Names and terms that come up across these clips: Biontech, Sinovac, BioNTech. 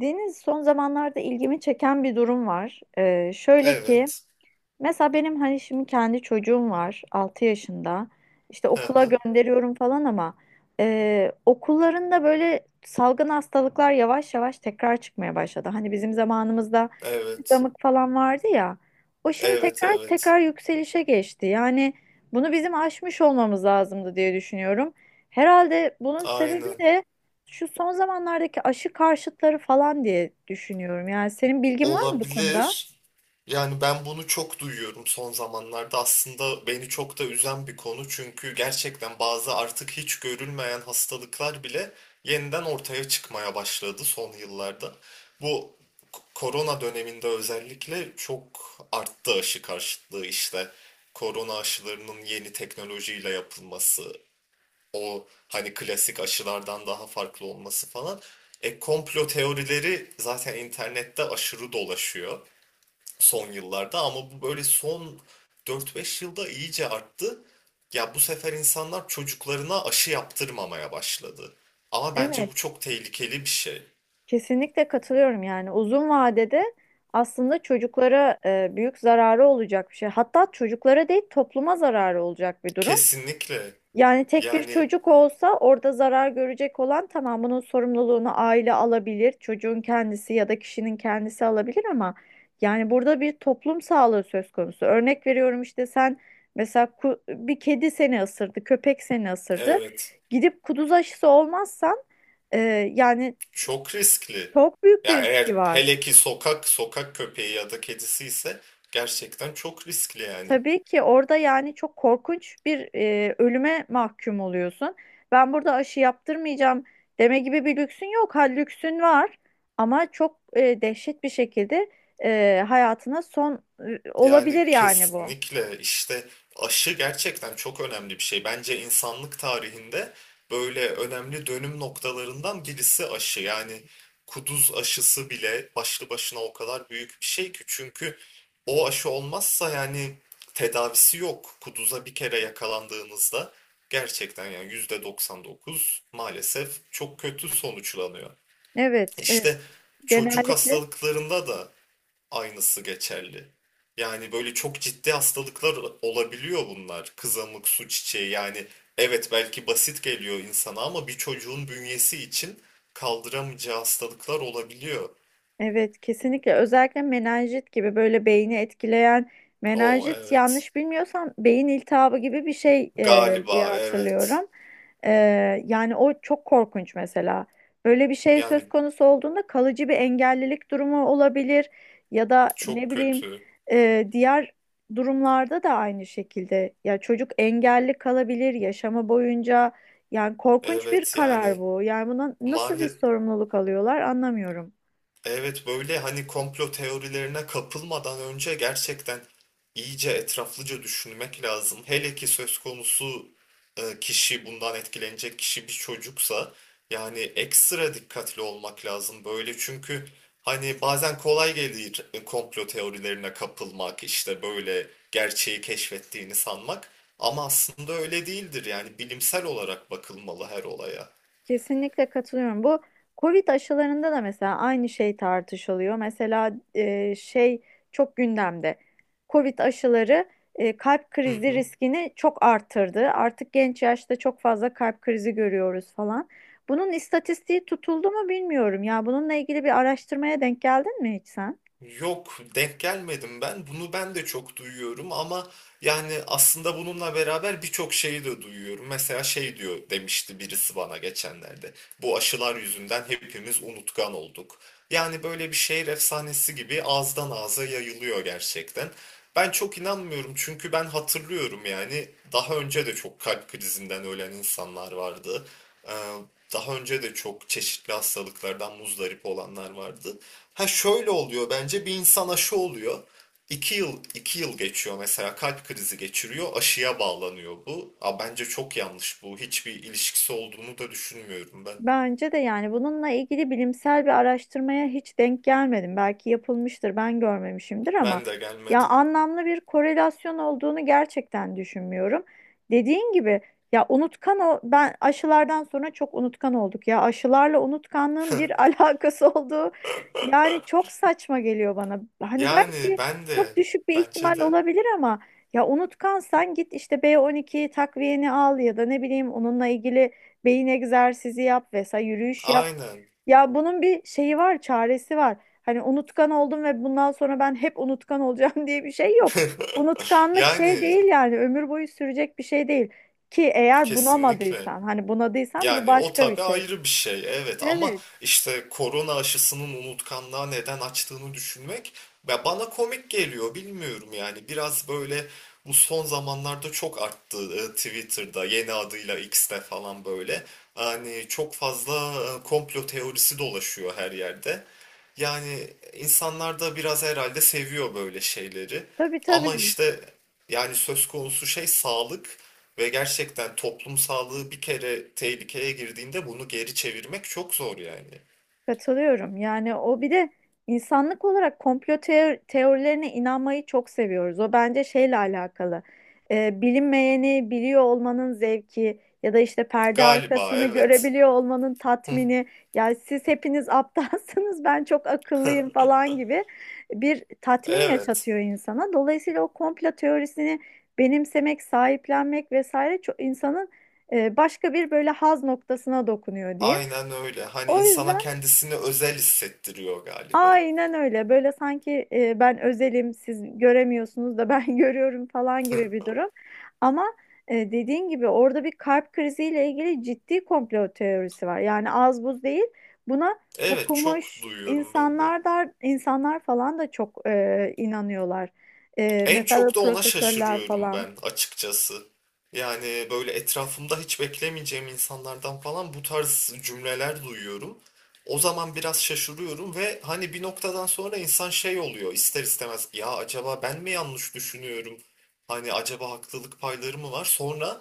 Deniz, son zamanlarda ilgimi çeken bir durum var. Şöyle ki. Evet. Mesela benim hani şimdi kendi çocuğum var 6 yaşında. İşte Hı okula hı. gönderiyorum falan ama okullarında böyle salgın hastalıklar yavaş yavaş tekrar çıkmaya başladı. Hani bizim zamanımızda Evet. damık falan vardı ya. O şimdi Evet, tekrar evet. tekrar yükselişe geçti. Yani bunu bizim aşmış olmamız lazımdı diye düşünüyorum. Herhalde bunun sebebi Aynen. de şu son zamanlardaki aşı karşıtları falan diye düşünüyorum. Yani senin bilgin var mı bu konuda? Olabilir. Yani ben bunu çok duyuyorum son zamanlarda. Aslında beni çok da üzen bir konu. Çünkü gerçekten bazı artık hiç görülmeyen hastalıklar bile yeniden ortaya çıkmaya başladı son yıllarda. Bu korona döneminde özellikle çok arttı aşı karşıtlığı işte. Korona aşılarının yeni teknolojiyle yapılması, o hani klasik aşılardan daha farklı olması falan. E komplo teorileri zaten internette aşırı dolaşıyor son yıllarda ama bu böyle son dört beş yılda iyice arttı. Ya bu sefer insanlar çocuklarına aşı yaptırmamaya başladı. Ama bence bu Evet. çok tehlikeli bir şey. Kesinlikle katılıyorum, yani uzun vadede aslında çocuklara büyük zararı olacak bir şey. Hatta çocuklara değil, topluma zararı olacak bir durum. Kesinlikle. Yani tek bir Yani çocuk olsa, orada zarar görecek olan, tamam, bunun sorumluluğunu aile alabilir, çocuğun kendisi ya da kişinin kendisi alabilir, ama yani burada bir toplum sağlığı söz konusu. Örnek veriyorum, işte sen mesela bir kedi seni ısırdı, köpek seni ısırdı. evet, Gidip kuduz aşısı olmazsan e, yani çok riskli. çok büyük bir Ya riski eğer var. hele ki sokak sokak köpeği ya da kedisi ise gerçekten çok riskli yani. Tabii ki orada yani çok korkunç bir ölüme mahkum oluyorsun. Ben burada aşı yaptırmayacağım deme gibi bir lüksün yok. Ha, lüksün var ama çok dehşet bir şekilde hayatına son Yani olabilir yani bu. kesinlikle işte aşı gerçekten çok önemli bir şey. Bence insanlık tarihinde böyle önemli dönüm noktalarından birisi aşı. Yani kuduz aşısı bile başlı başına o kadar büyük bir şey ki çünkü o aşı olmazsa yani tedavisi yok. Kuduza bir kere yakalandığınızda gerçekten yani %99 maalesef çok kötü sonuçlanıyor. Evet, İşte çocuk genellikle. hastalıklarında da aynısı geçerli. Yani böyle çok ciddi hastalıklar olabiliyor bunlar. Kızamık, su çiçeği yani evet belki basit geliyor insana ama bir çocuğun bünyesi için kaldıramayacağı hastalıklar olabiliyor. Evet, kesinlikle, özellikle menenjit gibi böyle beyni etkileyen, O menenjit evet. yanlış bilmiyorsam beyin iltihabı gibi bir şey diye Galiba evet. hatırlıyorum. E, Yani o çok korkunç mesela. Böyle bir şey söz Yani konusu olduğunda kalıcı bir engellilik durumu olabilir ya da ne çok bileyim kötü. Diğer durumlarda da aynı şekilde. Ya çocuk engelli kalabilir yaşama boyunca. Yani korkunç bir Evet karar yani bu. Yani buna nasıl bir mali. sorumluluk alıyorlar, anlamıyorum. Evet böyle hani komplo teorilerine kapılmadan önce gerçekten iyice etraflıca düşünmek lazım. Hele ki söz konusu kişi bundan etkilenecek kişi bir çocuksa yani ekstra dikkatli olmak lazım böyle çünkü hani bazen kolay gelir komplo teorilerine kapılmak işte böyle gerçeği keşfettiğini sanmak ama aslında öyle değildir yani bilimsel olarak bakılmalı her olaya. Kesinlikle katılıyorum. Bu Covid aşılarında da mesela aynı şey tartışılıyor. Mesela çok gündemde. Covid aşıları kalp Hı krizi hı. riskini çok arttırdı. Artık genç yaşta çok fazla kalp krizi görüyoruz falan. Bunun istatistiği tutuldu mu bilmiyorum. Ya bununla ilgili bir araştırmaya denk geldin mi hiç sen? Yok, denk gelmedim ben. Bunu ben de çok duyuyorum ama yani aslında bununla beraber birçok şeyi de duyuyorum. Mesela şey diyor, demişti birisi bana geçenlerde. Bu aşılar yüzünden hepimiz unutkan olduk. Yani böyle bir şehir efsanesi gibi ağızdan ağza yayılıyor gerçekten. Ben çok inanmıyorum çünkü ben hatırlıyorum yani daha önce de çok kalp krizinden ölen insanlar vardı. Ee, Daha önce de çok çeşitli hastalıklardan muzdarip olanlar vardı. Ha şöyle oluyor, bence bir insan aşı oluyor. İki yıl, iki yıl geçiyor mesela, kalp krizi geçiriyor, aşıya bağlanıyor bu. Aa, bence çok yanlış bu. Hiçbir ilişkisi olduğunu da düşünmüyorum ben. Bence de yani bununla ilgili bilimsel bir araştırmaya hiç denk gelmedim. Belki yapılmıştır, ben görmemişimdir, ama Ben de ya gelmedim. anlamlı bir korelasyon olduğunu gerçekten düşünmüyorum. Dediğin gibi, ya unutkan o, ben aşılardan sonra çok unutkan olduk ya. Aşılarla unutkanlığın bir alakası olduğu, yani çok saçma geliyor bana. Hani Yani belki ben çok de düşük bir bence ihtimal de olabilir, ama ya unutkansan git işte B12 takviyeni al ya da ne bileyim onunla ilgili beyin egzersizi yap vesaire, yürüyüş yap. aynen. Ya bunun bir şeyi var, çaresi var. Hani unutkan oldum ve bundan sonra ben hep unutkan olacağım diye bir şey yok. Unutkanlık şey Yani değil, yani ömür boyu sürecek bir şey değil. Ki eğer kesinlikle. bunamadıysan, hani bunadıysan bu Yani o başka bir tabii şey. ayrı bir şey, evet, ama Evet, işte korona aşısının unutkanlığa neden açtığını düşünmek, ya bana komik geliyor, bilmiyorum yani biraz böyle. Bu son zamanlarda çok arttı Twitter'da yeni adıyla X'te falan, böyle hani çok fazla komplo teorisi dolaşıyor her yerde. Yani insanlar da biraz herhalde seviyor böyle şeyleri. tabii Ama tabii. işte yani söz konusu şey sağlık ve gerçekten toplum sağlığı bir kere tehlikeye girdiğinde bunu geri çevirmek çok zor yani. Katılıyorum. Yani o bir de insanlık olarak komplo teorilerine inanmayı çok seviyoruz. O bence şeyle alakalı. Bilinmeyeni biliyor olmanın zevki ya da işte perde Galiba arkasını evet. görebiliyor olmanın tatmini. Yani siz hepiniz aptalsınız, ben çok akıllıyım falan gibi bir tatmin Evet. yaşatıyor insana. Dolayısıyla o komplo teorisini benimsemek, sahiplenmek vesaire çok insanın başka bir böyle haz noktasına dokunuyor, diyeyim. Aynen öyle. Hani O insana yüzden, kendisini özel hissettiriyor galiba. aynen öyle. Böyle sanki ben özelim, siz göremiyorsunuz da ben görüyorum falan gibi bir durum. Ama dediğin gibi orada bir kalp kriziyle ilgili ciddi komplo teorisi var. Yani az buz değil. Buna Evet, çok okumuş duyuyorum ben de. insanlar da, insanlar falan da çok inanıyorlar. En Mesela böyle çok da ona profesörler şaşırıyorum falan. ben açıkçası. Yani böyle etrafımda hiç beklemeyeceğim insanlardan falan bu tarz cümleler duyuyorum. O zaman biraz şaşırıyorum ve hani bir noktadan sonra insan şey oluyor ister istemez, ya acaba ben mi yanlış düşünüyorum? Hani acaba haklılık payları mı var? Sonra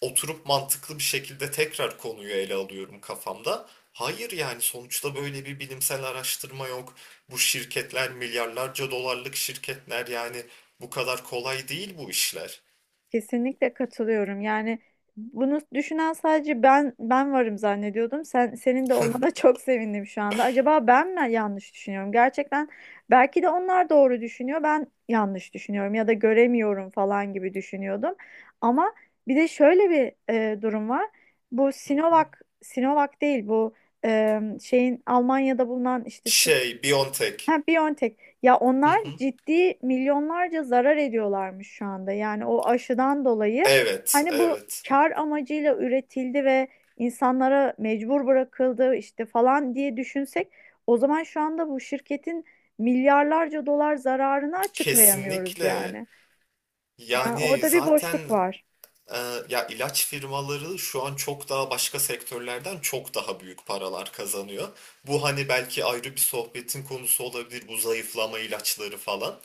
oturup mantıklı bir şekilde tekrar konuyu ele alıyorum kafamda. Hayır, yani sonuçta böyle bir bilimsel araştırma yok. Bu şirketler milyarlarca dolarlık şirketler, yani bu kadar kolay değil bu işler. Kesinlikle katılıyorum. Yani bunu düşünen sadece ben varım zannediyordum. Senin de olmana çok sevindim şu anda. Acaba ben mi yanlış düşünüyorum? Gerçekten belki de onlar doğru düşünüyor. Ben yanlış düşünüyorum ya da göremiyorum falan gibi düşünüyordum. Ama bir de şöyle bir durum var. Bu Hı hı. Sinovac, Sinovac değil bu, şeyin Almanya'da bulunan işte Türk. Şey, BioNTech. Ha, Biontech. Ya Hı onlar hı. ciddi milyonlarca zarar ediyorlarmış şu anda. Yani o aşıdan dolayı, Evet, hani bu evet. kar amacıyla üretildi ve insanlara mecbur bırakıldı işte falan diye düşünsek, o zaman şu anda bu şirketin milyarlarca dolar zararını açıklayamıyoruz Kesinlikle. yani. Yani Yani orada bir zaten, boşluk var. e, ya ilaç firmaları şu an çok daha başka sektörlerden çok daha büyük paralar kazanıyor. Bu hani belki ayrı bir sohbetin konusu olabilir, bu zayıflama ilaçları falan.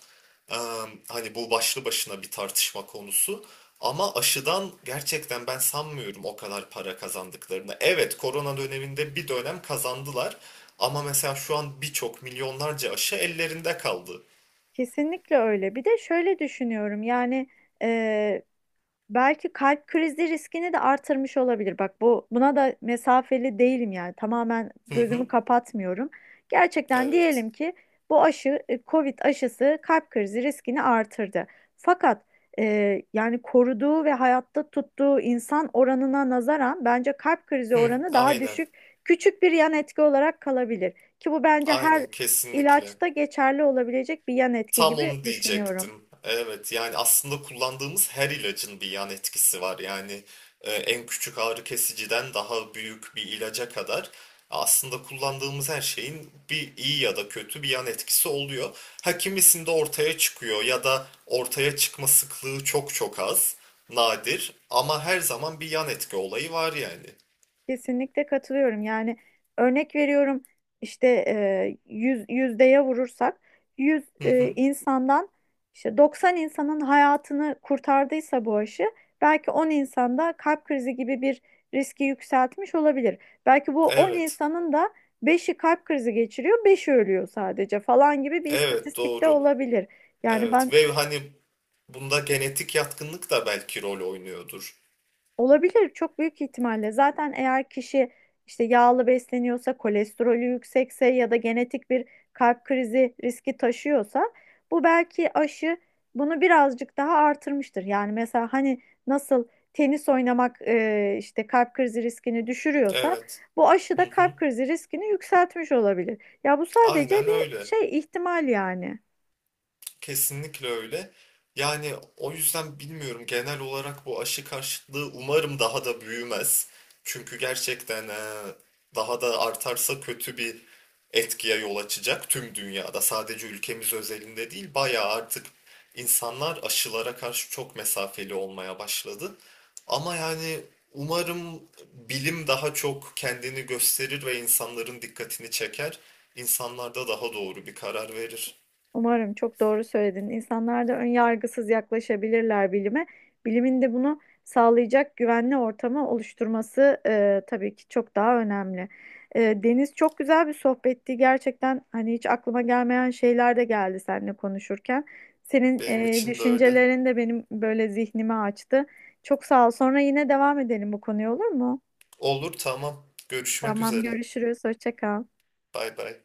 Hani bu başlı başına bir tartışma konusu. Ama aşıdan gerçekten ben sanmıyorum o kadar para kazandıklarını. Evet, korona döneminde bir dönem kazandılar. Ama mesela şu an birçok milyonlarca aşı ellerinde kaldı. Kesinlikle öyle. Bir de şöyle düşünüyorum, yani eee, belki kalp krizi riskini de artırmış olabilir. Bak, bu buna da mesafeli değilim yani. Tamamen Hı gözümü hı, kapatmıyorum. Gerçekten evet. diyelim ki bu aşı Covid aşısı kalp krizi riskini artırdı. Fakat yani koruduğu ve hayatta tuttuğu insan oranına nazaran bence kalp krizi Hı, oranı daha aynen, düşük, küçük bir yan etki olarak kalabilir. Ki bu bence her aynen, kesinlikle. ilaçta geçerli olabilecek bir yan etki Tam gibi onu düşünüyorum. diyecektim. Evet yani aslında kullandığımız her ilacın bir yan etkisi var. Yani en küçük ağrı kesiciden daha büyük bir ilaca kadar aslında kullandığımız her şeyin bir iyi ya da kötü bir yan etkisi oluyor. Ha, kimisinde ortaya çıkıyor ya da ortaya çıkma sıklığı çok çok az, nadir, ama her zaman bir yan etki olayı var yani. Kesinlikle katılıyorum. Yani örnek veriyorum işte, 100 yüzdeye vurursak 100 Hı hı. insandan işte 90 insanın hayatını kurtardıysa bu aşı, belki 10 insanda kalp krizi gibi bir riski yükseltmiş olabilir. Belki bu 10 Evet. insanın da beşi kalp krizi geçiriyor, beşi ölüyor sadece falan gibi bir Evet, istatistikte doğru. olabilir. Yani ben. Evet, ve hani bunda genetik yatkınlık da belki rol oynuyordur. Olabilir, çok büyük ihtimalle. Zaten eğer kişi işte yağlı besleniyorsa, kolesterolü yüksekse ya da genetik bir kalp krizi riski taşıyorsa bu, belki aşı bunu birazcık daha artırmıştır. Yani mesela, hani nasıl tenis oynamak işte kalp krizi riskini düşürüyorsa Evet. bu aşı Hı da hı. kalp krizi riskini yükseltmiş olabilir. Ya bu sadece Aynen bir öyle. şey ihtimal yani. Kesinlikle öyle. Yani o yüzden bilmiyorum, genel olarak bu aşı karşıtlığı umarım daha da büyümez. Çünkü gerçekten daha da artarsa kötü bir etkiye yol açacak tüm dünyada. Sadece ülkemiz özelinde değil, bayağı artık insanlar aşılara karşı çok mesafeli olmaya başladı. Ama yani umarım bilim daha çok kendini gösterir ve insanların dikkatini çeker. İnsanlar da daha doğru bir karar verir. Umarım, çok doğru söyledin. İnsanlar da ön yargısız yaklaşabilirler bilime. Bilimin de bunu sağlayacak güvenli ortamı oluşturması tabii ki çok daha önemli. Deniz, çok güzel bir sohbetti. Gerçekten hani hiç aklıma gelmeyen şeyler de geldi seninle konuşurken. Senin Benim için de öyle. düşüncelerin de benim böyle zihnimi açtı. Çok sağ ol. Sonra yine devam edelim bu konuya, olur mu? Olur, tamam. Görüşmek Tamam, üzere. görüşürüz. Hoşça kal. Bay bay.